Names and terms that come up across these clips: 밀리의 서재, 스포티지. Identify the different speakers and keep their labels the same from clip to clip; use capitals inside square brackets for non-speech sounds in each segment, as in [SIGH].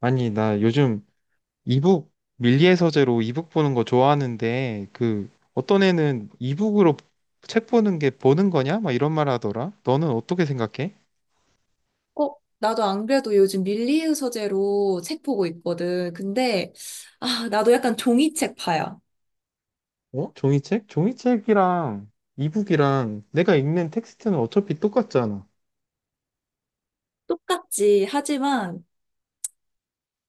Speaker 1: 아니, 나 요즘 이북 밀리의 서재로 이북 보는 거 좋아하는데 그 어떤 애는 이북으로 책 보는 게 보는 거냐? 막 이런 말 하더라. 너는 어떻게 생각해?
Speaker 2: 어, 나도 안 그래도 요즘 밀리의 서재로 책 보고 있거든. 아, 나도 약간 종이책 파야.
Speaker 1: 어? 종이책? 종이책이랑 이북이랑 내가 읽는 텍스트는 어차피 똑같잖아.
Speaker 2: 똑같지. 하지만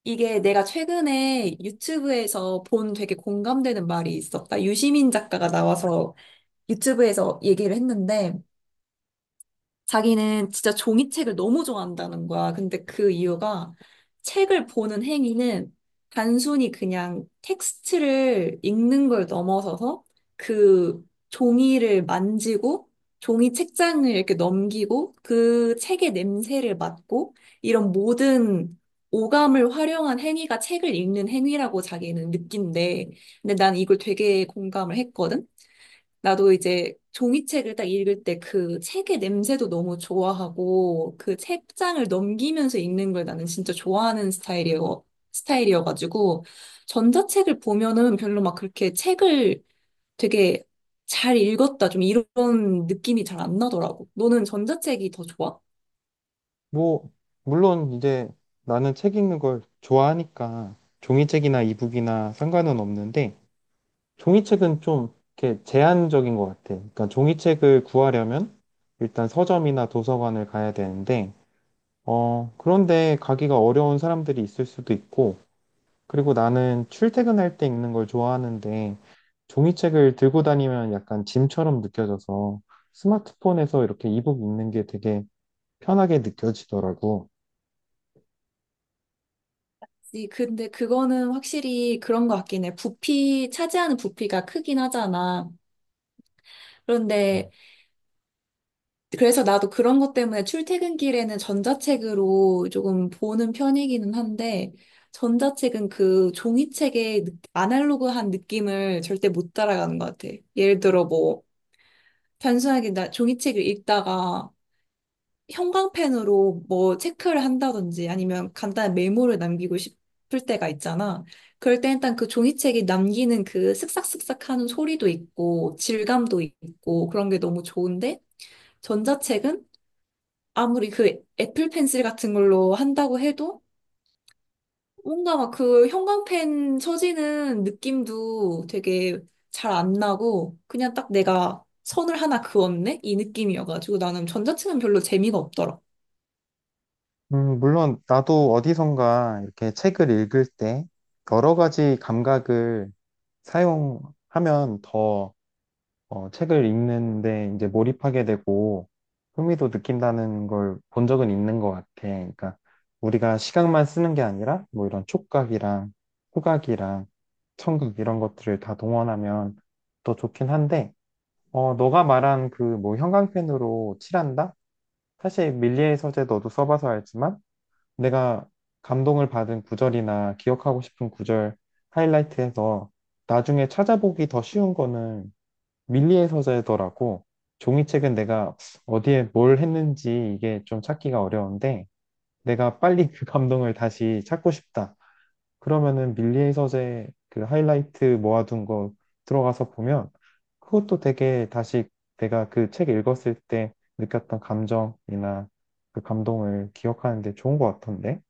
Speaker 2: 이게 내가 최근에 유튜브에서 본 되게 공감되는 말이 있었다. 유시민 작가가 나와서 유튜브에서 얘기를 했는데, 자기는 진짜 종이책을 너무 좋아한다는 거야. 근데 그 이유가 책을 보는 행위는 단순히 그냥 텍스트를 읽는 걸 넘어서서 그 종이를 만지고 종이 책장을 이렇게 넘기고 그 책의 냄새를 맡고 이런 모든 오감을 활용한 행위가 책을 읽는 행위라고 자기는 느낀대. 근데 난 이걸 되게 공감을 했거든. 나도 이제 종이책을 딱 읽을 때 그 책의 냄새도 너무 좋아하고 그 책장을 넘기면서 읽는 걸 나는 진짜 좋아하는 스타일이어가지고 전자책을 보면은 별로 막 그렇게 책을 되게 잘 읽었다 좀 이런 느낌이 잘 안 나더라고. 너는 전자책이 더 좋아?
Speaker 1: 뭐 물론 이제 나는 책 읽는 걸 좋아하니까 종이책이나 이북이나 상관은 없는데 종이책은 좀 이렇게 제한적인 것 같아. 그러니까 종이책을 구하려면 일단 서점이나 도서관을 가야 되는데, 그런데 가기가 어려운 사람들이 있을 수도 있고, 그리고 나는 출퇴근할 때 읽는 걸 좋아하는데, 종이책을 들고 다니면 약간 짐처럼 느껴져서 스마트폰에서 이렇게 이북 읽는 게 되게 편하게 느껴지더라고.
Speaker 2: 근데 그거는 확실히 그런 것 같긴 해. 부피, 차지하는 부피가 크긴 하잖아. 그런데 그래서 나도 그런 것 때문에 출퇴근길에는 전자책으로 조금 보는 편이기는 한데, 전자책은 그 종이책의 아날로그한 느낌을 절대 못 따라가는 것 같아. 예를 들어 뭐, 단순하게 나 종이책을 읽다가 형광펜으로 뭐 체크를 한다든지 아니면 간단한 메모를 남기고 싶을 때가 있잖아. 그럴 때 일단 그 종이책이 남기는 그 슥싹슥싹 하는 소리도 있고, 질감도 있고, 그런 게 너무 좋은데, 전자책은 아무리 그 애플 펜슬 같은 걸로 한다고 해도 뭔가 막 그 형광펜 처지는 느낌도 되게 잘 안 나고 그냥 딱 내가 선을 하나 그었네? 이 느낌이어가지고 나는 전자책은 별로 재미가 없더라.
Speaker 1: 물론 나도 어디선가 이렇게 책을 읽을 때 여러 가지 감각을 사용하면 더 책을 읽는데 이제 몰입하게 되고 흥미도 느낀다는 걸 본 적은 있는 것 같아. 그러니까 우리가 시각만 쓰는 게 아니라 뭐 이런 촉각이랑 후각이랑 청각 이런 것들을 다 동원하면 더 좋긴 한데 너가 말한 그 뭐 형광펜으로 칠한다? 사실 밀리의 서재 너도 써봐서 알지만 내가 감동을 받은 구절이나 기억하고 싶은 구절 하이라이트해서 나중에 찾아보기 더 쉬운 거는 밀리의 서재더라고. 종이책은 내가 어디에 뭘 했는지 이게 좀 찾기가 어려운데 내가 빨리 그 [LAUGHS] 감동을 다시 찾고 싶다. 그러면은 밀리의 서재 그 하이라이트 모아둔 거 들어가서 보면 그것도 되게 다시 내가 그 책 읽었을 때 느꼈던 감정이나 그 감동을 기억하는데 좋은 것 같던데.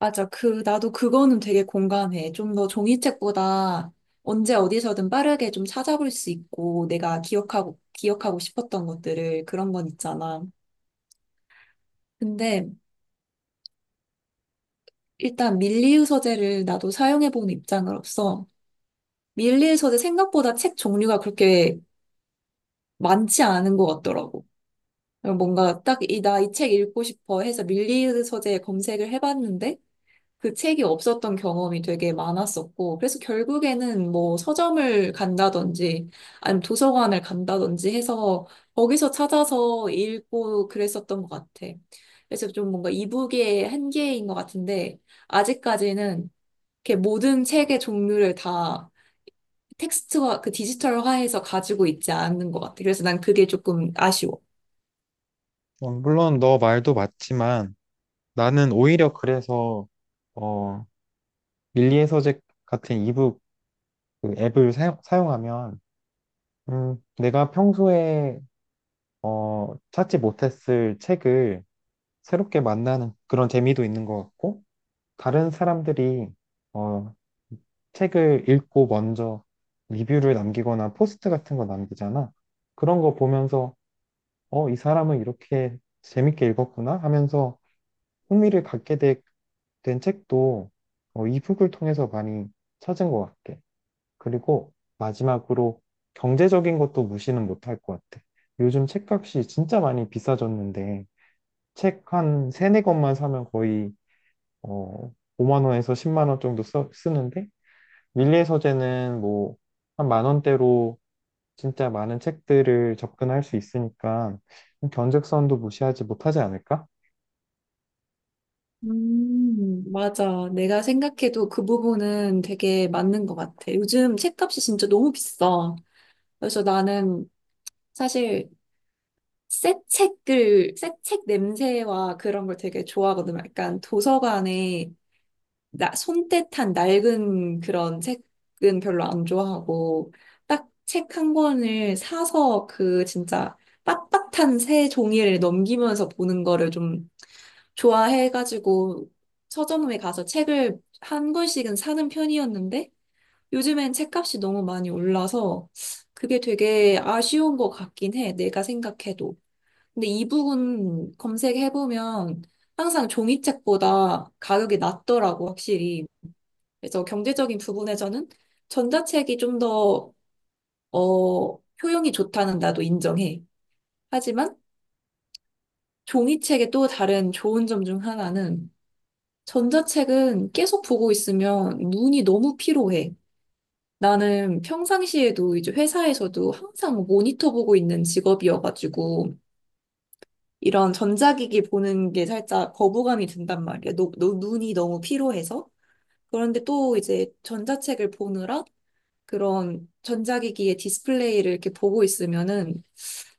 Speaker 2: 맞아. 그, 나도 그거는 되게 공감해. 좀 더 종이책보다 언제 어디서든 빠르게 좀 찾아볼 수 있고 내가 기억하고 싶었던 것들을 그런 건 있잖아. 근데 일단 밀리우 서재를 나도 사용해본 입장으로서 밀리의 서재 생각보다 책 종류가 그렇게 많지 않은 것 같더라고. 뭔가 딱 나 이 책 읽고 싶어 해서 밀리의 서재 검색을 해봤는데 그 책이 없었던 경험이 되게 많았었고, 그래서 결국에는 뭐 서점을 간다든지 아니면 도서관을 간다든지 해서 거기서 찾아서 읽고 그랬었던 것 같아. 그래서 좀 뭔가 이북의 한계인 것 같은데 아직까지는 이렇게 모든 책의 종류를 다 텍스트화, 그 디지털화해서 가지고 있지 않는 것 같아. 그래서 난 그게 조금 아쉬워.
Speaker 1: 물론 너 말도 맞지만 나는 오히려 그래서 어, 밀리의 서재 같은 이북 그 앱을 사용하면 내가 평소에 찾지 못했을 책을 새롭게 만나는 그런 재미도 있는 것 같고 다른 사람들이 어, 책을 읽고 먼저 리뷰를 남기거나 포스트 같은 거 남기잖아. 그런 거 보면서 어, 이 사람은 이렇게 재밌게 읽었구나 하면서 흥미를 갖게 된 책도 이북을 통해서 많이 찾은 것 같아. 그리고 마지막으로 경제적인 것도 무시는 못할 것 같아. 요즘 책값이 진짜 많이 비싸졌는데 책 한 세네 권만 사면 거의 어, 5만 원에서 10만 원 정도 쓰는데 밀리의 서재는 뭐 한 만 원대로 진짜 많은 책들을 접근할 수 있으니까 견적선도 무시하지 못하지 않을까?
Speaker 2: 맞아. 내가 생각해도 그 부분은 되게 맞는 것 같아. 요즘 책값이 진짜 너무 비싸. 그래서 나는 사실 새 책 냄새와 그런 걸 되게 좋아하거든. 약간 도서관에 나 손때탄 낡은 그런 책은 별로 안 좋아하고 딱 책 한 권을 사서 그 진짜 빳빳한 새 종이를 넘기면서 보는 거를 좀 좋아해가지고 서점에 가서 책을 한 권씩은 사는 편이었는데 요즘엔 책값이 너무 많이 올라서 그게 되게 아쉬운 것 같긴 해. 내가 생각해도. 근데 이 부분 검색해보면 항상 종이책보다 가격이 낮더라고, 확실히. 그래서 경제적인 부분에서는 전자책이 좀 더, 어, 효용이 좋다는 나도 인정해. 하지만 종이책의 또 다른 좋은 점 중 하나는 전자책은 계속 보고 있으면 눈이 너무 피로해. 나는 평상시에도 이제 회사에서도 항상 모니터 보고 있는 직업이어가지고 이런 전자기기 보는 게 살짝 거부감이 든단 말이야. 눈이 너무 피로해서. 그런데 또 이제 전자책을 보느라 그런 전자기기의 디스플레이를 이렇게 보고 있으면은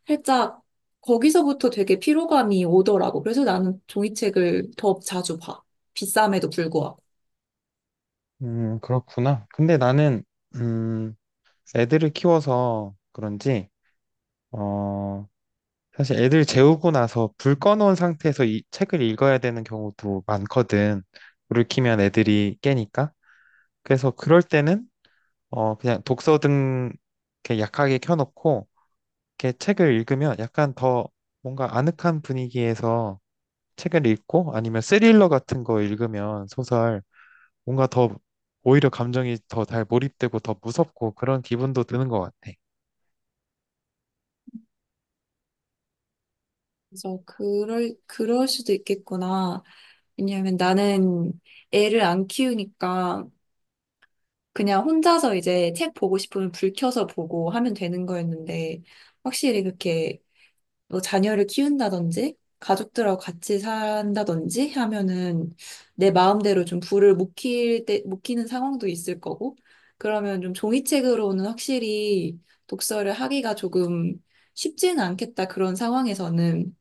Speaker 2: 살짝 거기서부터 되게 피로감이 오더라고. 그래서 나는 종이책을 더 자주 봐. 비쌈에도 불구하고.
Speaker 1: 그렇구나. 근데 나는 음, 애들을 키워서 그런지, 어, 사실 애들 재우고 나서 불 꺼놓은 상태에서 이 책을 읽어야 되는 경우도 많거든. 불을 켜면 애들이 깨니까. 그래서 그럴 때는, 그냥 독서등 이렇게 약하게 켜놓고, 이렇게 책을 읽으면 약간 더 뭔가 아늑한 분위기에서 책을 읽고 아니면 스릴러 같은 거 읽으면 소설 뭔가 더 오히려 감정이 더 잘 몰입되고 더 무섭고 그런 기분도 드는 것 같아.
Speaker 2: 그럴 수도 있겠구나. 왜냐하면 나는 애를 안 키우니까 그냥 혼자서 이제 책 보고 싶으면 불 켜서 보고 하면 되는 거였는데 확실히 그렇게 뭐 자녀를 키운다든지 가족들하고 같이 산다든지 하면은 내 마음대로 좀 불을 못 킬 때, 못 키는 상황도 있을 거고 그러면 좀 종이책으로는 확실히 독서를 하기가 조금 쉽지는 않겠다 그런 상황에서는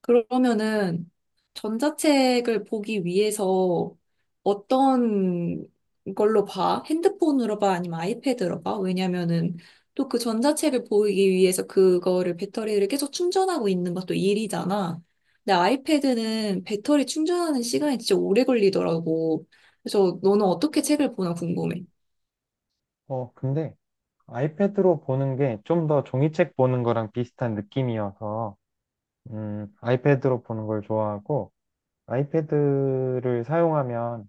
Speaker 2: 그러면은 전자책을 보기 위해서 어떤 걸로 봐? 핸드폰으로 봐? 아니면 아이패드로 봐? 왜냐면은 또 그 전자책을 보기 위해서 그거를 배터리를 계속 충전하고 있는 것도 일이잖아. 근데 아이패드는 배터리 충전하는 시간이 진짜 오래 걸리더라고. 그래서 너는 어떻게 책을 보나 궁금해.
Speaker 1: 근데 아이패드로 보는 게 좀 더 종이책 보는 거랑 비슷한 느낌이어서, 아이패드로 보는 걸 좋아하고, 아이패드를 사용하면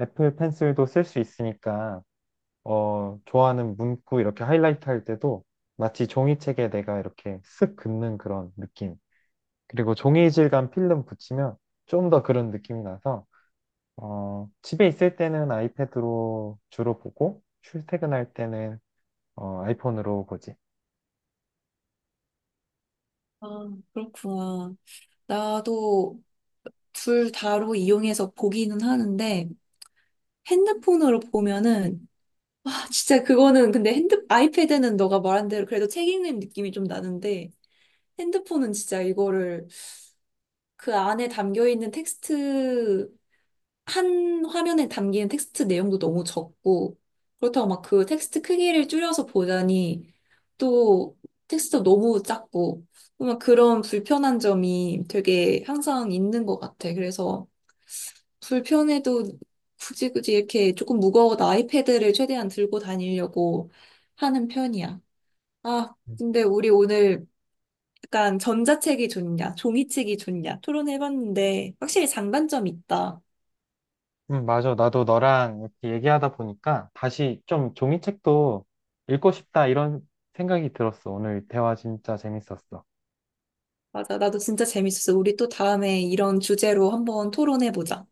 Speaker 1: 애플 펜슬도 쓸 수 있으니까, 좋아하는 문구 이렇게 하이라이트 할 때도 마치 종이책에 내가 이렇게 쓱 긋는 그런 느낌. 그리고 종이 질감 필름 붙이면 좀 더 그런 느낌이 나서, 집에 있을 때는 아이패드로 주로 보고, 출퇴근할 때는 아이폰으로 보지.
Speaker 2: 아, 그렇구나. 나도 둘 다로 이용해서 보기는 하는데 핸드폰으로 보면은 아, 진짜 그거는 근데 핸드 아이패드는 너가 말한 대로 그래도 책 읽는 느낌이 좀 나는데 핸드폰은 진짜 이거를 그 안에 담겨 있는 텍스트 한 화면에 담기는 텍스트 내용도 너무 적고 그렇다고 막 그 텍스트 크기를 줄여서 보자니 또 텍스트 너무 작고 막 그런 불편한 점이 되게 항상 있는 것 같아. 그래서 불편해도 굳이 이렇게 조금 무거운 아이패드를 최대한 들고 다니려고 하는 편이야. 아, 근데 우리 오늘 약간 전자책이 좋냐, 종이책이 좋냐 토론해봤는데 확실히 장단점이 있다.
Speaker 1: 맞아. 나도 너랑 이렇게 얘기하다 보니까 다시 좀 종이책도 읽고 싶다 이런 생각이 들었어. 오늘 대화 진짜 재밌었어.
Speaker 2: 맞아, 나도 진짜 재밌었어. 우리 또 다음에 이런 주제로 한번 토론해보자.